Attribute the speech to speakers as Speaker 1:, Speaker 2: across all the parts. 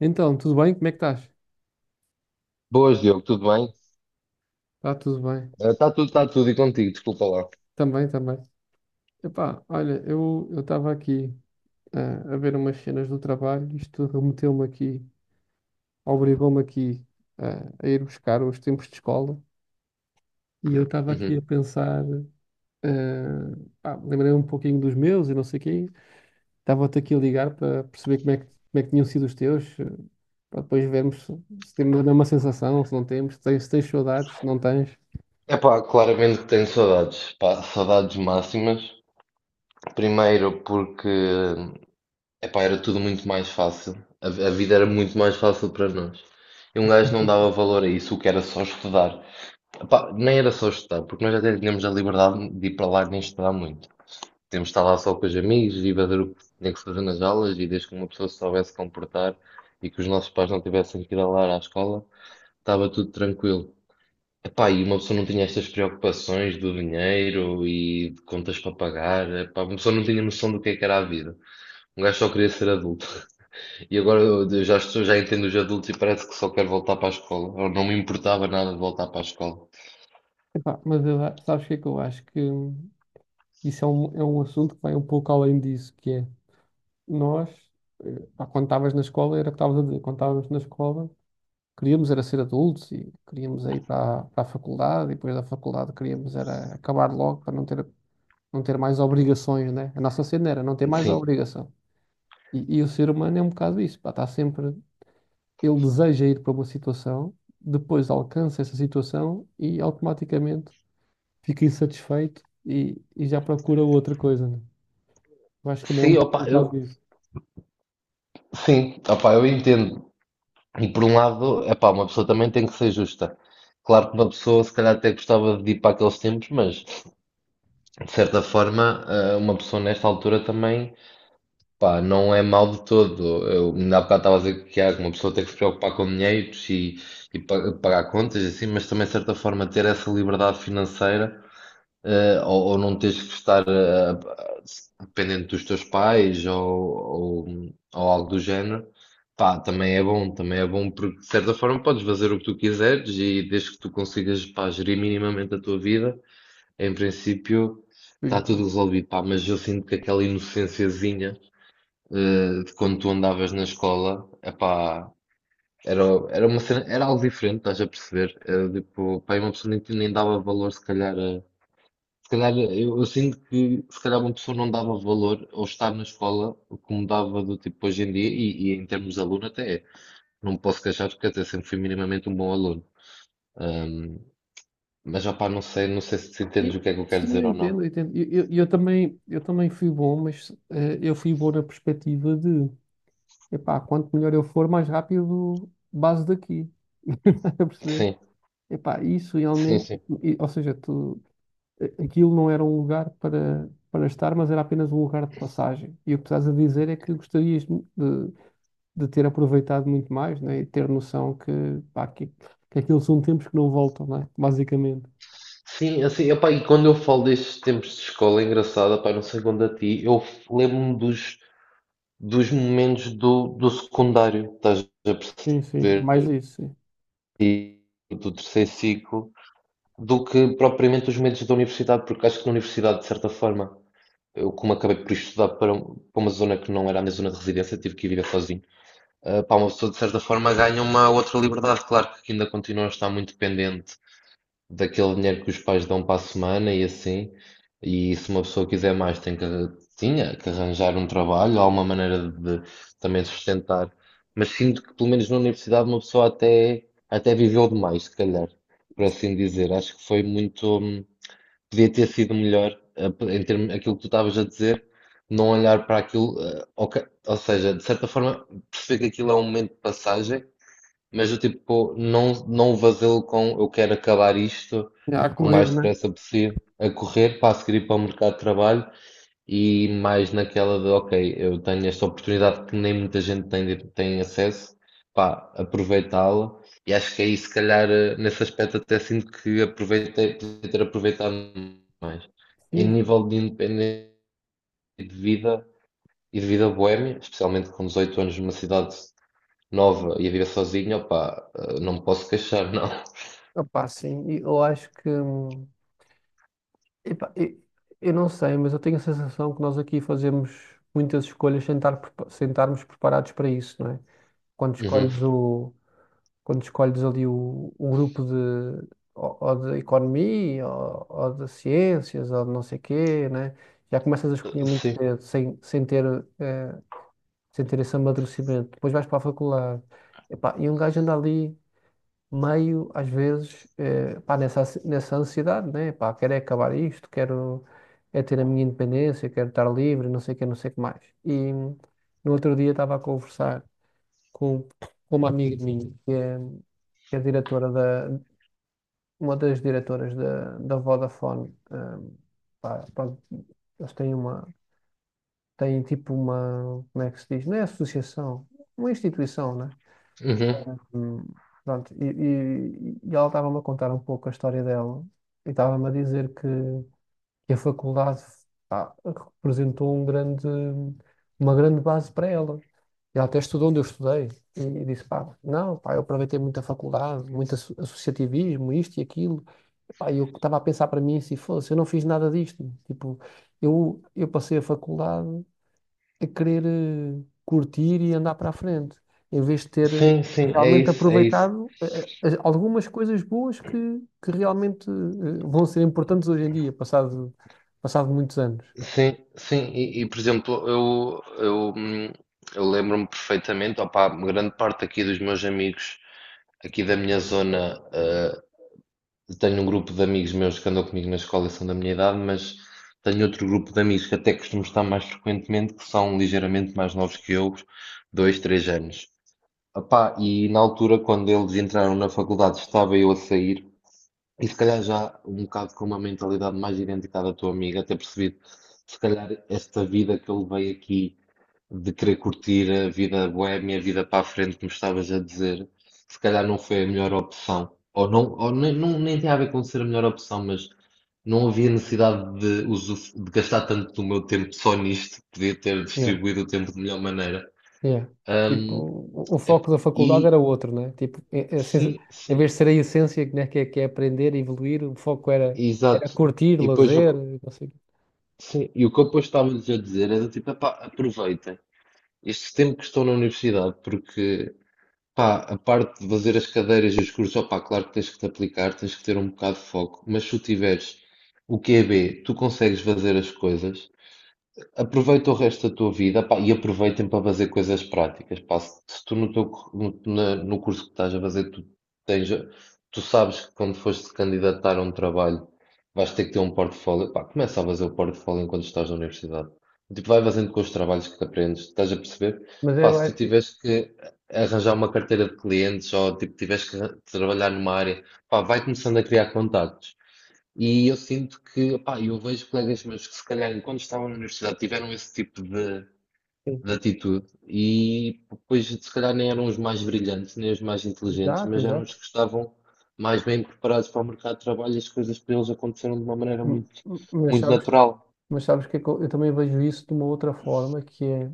Speaker 1: Então, tudo bem? Como é que estás?
Speaker 2: Boas, Diogo, tudo bem?
Speaker 1: Está tudo bem.
Speaker 2: Está tudo e contigo, desculpa lá.
Speaker 1: Também, também. Epá, olha, eu estava aqui a ver umas cenas do trabalho, isto remeteu-me aqui, obrigou-me aqui a ir buscar os tempos de escola e eu estava aqui a
Speaker 2: Uhum.
Speaker 1: pensar, ah, pá, lembrei-me um pouquinho dos meus e não sei o quê, estava-te aqui a ligar para perceber como é que tinham sido os teus, para depois vermos se temos a mesma sensação, se não temos, se tens, se tens saudades, se não tens.
Speaker 2: Epá, claramente que tenho saudades, pá, saudades máximas. Primeiro porque, epá, era tudo muito mais fácil. A vida era muito mais fácil para nós. E um gajo não dava valor a isso, o que era só estudar. Epá, nem era só estudar, porque nós até tínhamos a liberdade de ir para lá nem estudar muito. Podíamos estar lá só com os amigos e fazer o que se tinha que fazer nas aulas e desde que uma pessoa se soubesse comportar e que os nossos pais não tivessem que ir alar à escola, estava tudo tranquilo. Epá, e uma pessoa não tinha estas preocupações do dinheiro e de contas para pagar. Epá, uma pessoa não tinha noção do que é que era a vida. Um gajo só queria ser adulto. E agora eu já estou, já entendo os adultos e parece que só quero voltar para a escola. Ou não me importava nada de voltar para a escola.
Speaker 1: Epá, mas sabes o que é que eu acho que isso é é um assunto que vai um pouco além disso, que é nós, pá, quando estavas na escola, era o que estavas a dizer, quando estávamos na escola, queríamos era ser adultos e queríamos ir para, para a faculdade e depois da faculdade queríamos era acabar logo para não ter, não ter mais obrigações, né? A nossa cena era não ter mais a
Speaker 2: Sim.
Speaker 1: obrigação. E o ser humano é um bocado isso, pá, está sempre, ele deseja ir para uma situação, depois alcança essa situação e automaticamente fica insatisfeito e já procura outra coisa, né? Eu acho que também é
Speaker 2: Sim, opa,
Speaker 1: um
Speaker 2: eu,
Speaker 1: bocado disso.
Speaker 2: sim, opa, eu entendo. E por um lado, é pá, uma pessoa também tem que ser justa. Claro que uma pessoa se calhar até gostava de ir para aqueles tempos, mas de certa forma, uma pessoa nesta altura também, pá, não é mal de todo. Eu ainda há bocado estava a dizer que há uma pessoa tem que se preocupar com dinheiros e pagar contas, e assim, mas também de certa forma ter essa liberdade financeira, ou não tens que estar, eh, dependente dos teus pais ou algo do género, pá, também é bom porque de certa forma podes fazer o que tu quiseres e desde que tu consigas, pá, gerir minimamente a tua vida, em princípio
Speaker 1: Por
Speaker 2: está tudo
Speaker 1: enquanto.
Speaker 2: resolvido, pá, mas eu sinto que aquela inocênciazinha, de quando tu andavas na escola, epá, era, era uma cena, era algo diferente, estás a perceber? Era, tipo, pá, uma pessoa nem dava valor se calhar a. Se calhar, eu sinto que se calhar uma pessoa não dava valor ao estar na escola como dava do tipo hoje em dia, e em termos de aluno até é. Não me posso queixar, porque até sempre fui minimamente um bom aluno. Ahm, mas já pá, não sei se entendes o
Speaker 1: Sim,
Speaker 2: que é que eu quero
Speaker 1: sim,
Speaker 2: dizer
Speaker 1: eu
Speaker 2: ou
Speaker 1: entendo,
Speaker 2: não.
Speaker 1: eu entendo. Eu também fui bom, mas eu fui bom na perspectiva de, epá, quanto melhor eu for, mais rápido base daqui. Estás a perceber?
Speaker 2: Sim,
Speaker 1: Epá, isso
Speaker 2: sim,
Speaker 1: realmente,
Speaker 2: sim.
Speaker 1: ou seja, tu, aquilo não era um lugar para, para estar, mas era apenas um lugar de passagem. E o que estás a dizer é que gostarias de ter aproveitado muito mais, né? E ter noção que, pá, que aquilo são tempos que não voltam, né? Basicamente.
Speaker 2: Sim, assim, epá, e quando eu falo destes tempos de escola, é engraçado, epá, não sei quando a ti, eu lembro-me dos momentos do secundário, estás a
Speaker 1: Sim, sim, é mais
Speaker 2: perceber,
Speaker 1: isso, sim.
Speaker 2: e do terceiro ciclo, do que propriamente os medos da universidade, porque acho que na universidade, de certa forma, eu como acabei por estudar para uma zona que não era a minha zona de residência, tive que ir viver sozinho, para uma pessoa, de certa forma, ganha uma outra liberdade, claro que ainda continua a estar muito dependente daquele dinheiro que os pais dão para a semana e assim. E se uma pessoa quiser mais, tinha que arranjar um trabalho, alguma maneira de também sustentar. Mas sinto que, pelo menos na universidade, uma pessoa até viveu demais, se calhar, por assim dizer. Acho que foi muito. Podia ter sido melhor, em termos, aquilo que tu estavas a dizer, não olhar para aquilo. Ok, ou seja, de certa forma, perceber que aquilo é um momento de passagem, mas eu tipo, não vazio com eu quero acabar isto
Speaker 1: A
Speaker 2: o
Speaker 1: correr,
Speaker 2: mais
Speaker 1: né?
Speaker 2: depressa possível, a correr para a seguir ir para o mercado de trabalho, e mais naquela de ok, eu tenho esta oportunidade que nem muita gente tem, tem acesso, pá, aproveitá-la. E acho que aí se calhar, nesse aspecto até sinto que aproveitei, podia ter aproveitado mais. Em
Speaker 1: Sim.
Speaker 2: nível de independência e de vida e de vida boémia, especialmente com 18 anos numa cidade nova e a viver sozinho, opá, não me posso queixar, não.
Speaker 1: Opá, sim, e eu acho que. Epá, eu não sei, mas eu tenho a sensação que nós aqui fazemos muitas escolhas sem sem estarmos preparados para isso, não é? Quando
Speaker 2: Uhum.
Speaker 1: escolhes, o, quando escolhes ali o grupo de, ou de economia, ou de ciências, ou de não sei quê, né? Já começas a escolher muito
Speaker 2: Sim,
Speaker 1: cedo, sem, sem ter, eh, sem ter esse amadurecimento. Depois vais para a faculdade. Epá, e um gajo anda ali meio, às vezes, pá, nessa ansiedade, né? Pá, quero é acabar isto, quero é ter a minha independência, quero estar livre, não sei o que, não sei o que mais. E no outro dia estava a conversar com, com uma amiga minha, que é diretora da, uma das diretoras da, da Vodafone. Pá, pronto, eles têm uma, têm tipo uma, como é que se diz? Não é associação, uma instituição, né?
Speaker 2: uhum.
Speaker 1: Hum, Pronto, e ela estava-me a contar um pouco a história dela e estava-me a dizer que a faculdade, pá, representou um grande, uma grande base para ela. E ela até estudou onde eu estudei e disse, pá, não, pá, eu aproveitei muito a faculdade, muito associativismo, isto e aquilo. Pá, eu estava a pensar para mim, se fosse, eu não fiz nada disto. Tipo, eu passei a faculdade a querer curtir e andar para a frente, em vez de ter
Speaker 2: Sim, sim, é
Speaker 1: realmente
Speaker 2: isso, é isso.
Speaker 1: aproveitado algumas coisas boas que realmente vão ser importantes hoje em dia, passado, passado muitos anos.
Speaker 2: Sim, sim, por exemplo, eu lembro-me perfeitamente, opá, grande parte aqui dos meus amigos, aqui da minha zona. Tenho um grupo de amigos meus que andam comigo na escola e são da minha idade, mas tenho outro grupo de amigos que até costumo estar mais frequentemente, que são ligeiramente mais novos que eu, 2, 3 anos. Epá, e na altura, quando eles entraram na faculdade, estava eu a sair, e se calhar já um bocado com uma mentalidade mais idêntica à da tua amiga, até percebido, se calhar esta vida que eu levei aqui, de querer curtir a vida boémia, a vida para a frente, como estavas a dizer, se calhar não foi a melhor opção. Ou não, ou nem, nem tem a ver com ser a melhor opção, mas não havia necessidade de gastar tanto do meu tempo só nisto, podia ter
Speaker 1: Yeah,
Speaker 2: distribuído o tempo de melhor maneira.
Speaker 1: yeah. Tipo,
Speaker 2: Ahm,
Speaker 1: o
Speaker 2: é-
Speaker 1: foco da faculdade
Speaker 2: e
Speaker 1: era outro, né? Tipo, é
Speaker 2: Sim,
Speaker 1: em
Speaker 2: sim,
Speaker 1: vez de ser a essência, né, que é aprender, evoluir, o foco era, era
Speaker 2: exato.
Speaker 1: curtir,
Speaker 2: E depois o,
Speaker 1: lazer,
Speaker 2: que-
Speaker 1: não sei o quê.
Speaker 2: sim, e O que eu depois estava-lhes a dizer era tipo, epá, aproveitem este tempo que estou na universidade, porque pá, a parte de fazer as cadeiras e os cursos, opá, claro que tens que te aplicar, tens que ter um bocado de foco, mas se tu tiveres o QB, tu consegues fazer as coisas. Aproveita o resto da tua vida, pá, e aproveitem para fazer coisas práticas, pá. Se tu no teu, cu- no, na- no curso que estás a fazer, tens, tu sabes que quando fores candidatar a um trabalho, vais ter que ter um portfólio, pá, começa a fazer o portfólio enquanto estás na universidade. Tipo, vai fazendo com os trabalhos que aprendes, estás a perceber?
Speaker 1: Mas
Speaker 2: Pá,
Speaker 1: eu
Speaker 2: se tu
Speaker 1: acho.
Speaker 2: tiveres que arranjar uma carteira de clientes ou tipo, tiveres que trabalhar numa área, pá, vai começando a criar contactos. E eu sinto que, pá, eu vejo colegas meus que se calhar quando estavam na universidade tiveram esse tipo de atitude e depois se calhar nem eram os mais brilhantes, nem os mais inteligentes,
Speaker 1: Exato,
Speaker 2: mas eram os
Speaker 1: exato.
Speaker 2: que estavam mais bem preparados para o mercado de trabalho e as coisas para eles aconteceram de uma maneira muito,
Speaker 1: Mas
Speaker 2: muito
Speaker 1: sabes,
Speaker 2: natural.
Speaker 1: mas sabes que eu também vejo isso de uma outra forma, que é,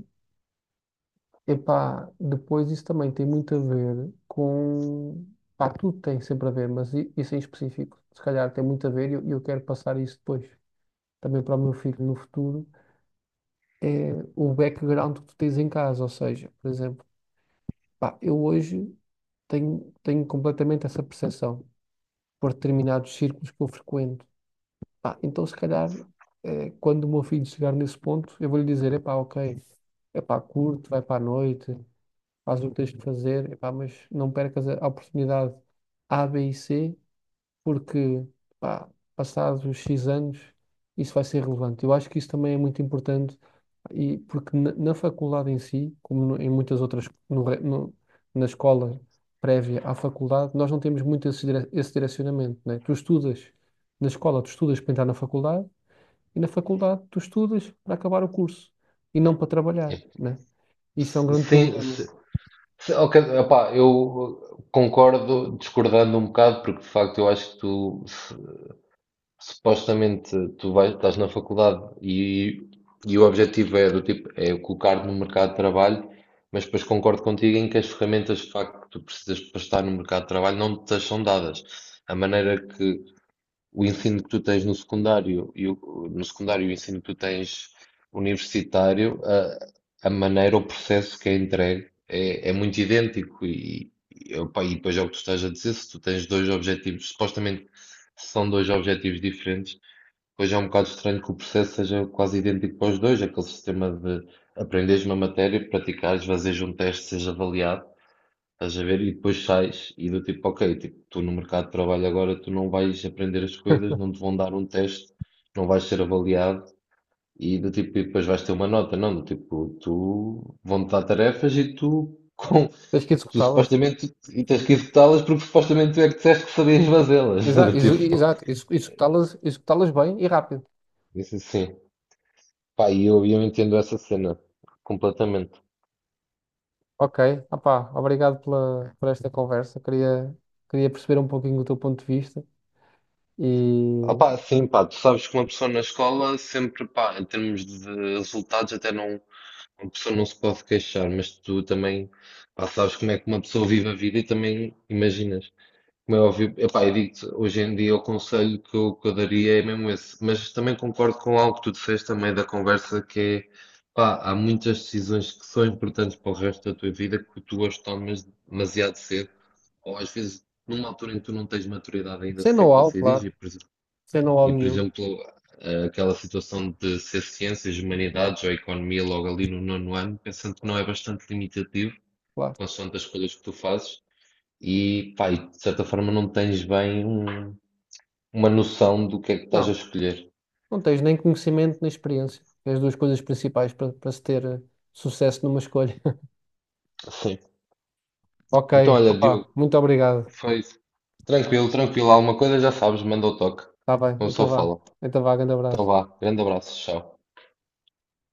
Speaker 1: epá, depois isso também tem muito a ver com, pá, tudo tem sempre a ver, mas isso em específico, se calhar tem muito a ver e eu quero passar isso depois, também para o meu filho no futuro, é o background que tu tens em casa, ou seja, por exemplo, pá, eu hoje tenho, tenho completamente essa percepção por determinados círculos que eu frequento. Pá, então, se calhar, quando o meu filho chegar nesse ponto, eu vou lhe dizer: epá, ok, epá, curte, vai para a noite, faz o que tens de fazer, epá, mas não percas a oportunidade A, B e C, porque, pá, passados os X anos, isso vai ser relevante. Eu acho que isso também é muito importante, e porque na faculdade em si, como em muitas outras, na escola prévia à faculdade, nós não temos muito esse direcionamento, né? Tu estudas na escola, tu estudas para entrar na faculdade e na faculdade tu estudas para acabar o curso e não para trabalhar, né? Isso é um grande
Speaker 2: Sim,
Speaker 1: problema.
Speaker 2: ok, opá, eu concordo discordando um bocado, porque de facto eu acho que tu, supostamente tu vais, estás na faculdade e, o objetivo é do tipo é colocar-te no mercado de trabalho, mas depois concordo contigo em que as ferramentas de facto que tu precisas para estar no mercado de trabalho não te são dadas. A maneira que, o ensino que tu tens no secundário no secundário e o ensino que tu tens universitário, a maneira, o processo que é entregue é muito idêntico, opa, e depois é o que tu estás a dizer, se tu tens dois objetivos, supostamente são dois objetivos diferentes, pois é um bocado estranho que o processo seja quase idêntico para os dois, aquele sistema de aprenderes uma matéria, praticares, fazeres um teste, seja avaliado. Estás a ver? E depois sais e do tipo, ok, tipo, tu no mercado de trabalho agora tu não vais aprender as coisas, não te vão dar um teste, não vais ser avaliado e do tipo, e depois vais ter uma nota, não, do tipo, tu vão-te dar tarefas e tu, com,
Speaker 1: Tens que
Speaker 2: tu
Speaker 1: executá-las.
Speaker 2: supostamente e tens que executá-las porque supostamente tu é que disseste que sabias fazê-las.
Speaker 1: Exato,
Speaker 2: Do tipo,
Speaker 1: exato, executá-las, executá-las bem e rápido.
Speaker 2: isso assim. Pá, e eu entendo essa cena completamente.
Speaker 1: Ok, opá, obrigado pela, por esta conversa. Queria, queria perceber um pouquinho o teu ponto de vista e
Speaker 2: Opá, sim, pá, tu sabes que uma pessoa na escola sempre, pá, em termos de resultados até não. Uma pessoa não se pode queixar, mas tu também, pá, sabes como é que uma pessoa vive a vida e também imaginas. Como é óbvio, epá, eu digo-te, hoje em dia o conselho que eu daria é mesmo esse. Mas também concordo com algo que tu disseste também da conversa, que é, pá, há muitas decisões que são importantes para o resto da tua vida que tu as tomas demasiado cedo, ou às vezes numa altura em que tu não tens maturidade ainda
Speaker 1: sem
Speaker 2: sequer para
Speaker 1: know-how,
Speaker 2: decidir.
Speaker 1: claro,
Speaker 2: e por
Speaker 1: sem know-how
Speaker 2: e, por
Speaker 1: nenhum,
Speaker 2: exemplo, aquela situação de ser ciências, humanidades ou economia logo ali no nono ano, pensando que não é bastante limitativo,
Speaker 1: claro.
Speaker 2: consoante as escolhas que tu fazes, e, pá, e de certa forma não tens bem uma noção do que é que estás a
Speaker 1: Não,
Speaker 2: escolher.
Speaker 1: não tens nem conhecimento nem experiência, que é as duas coisas principais para para se ter sucesso numa escolha.
Speaker 2: Sim.
Speaker 1: Ok,
Speaker 2: Então, olha, Diogo,
Speaker 1: opá, muito obrigado.
Speaker 2: foi tranquilo, tranquilo. Alguma coisa já sabes, manda o toque.
Speaker 1: Está bem,
Speaker 2: Uma
Speaker 1: então
Speaker 2: pessoa
Speaker 1: vá.
Speaker 2: fala.
Speaker 1: Então vá, grande
Speaker 2: Então
Speaker 1: abraço.
Speaker 2: vá, grande abraço, tchau.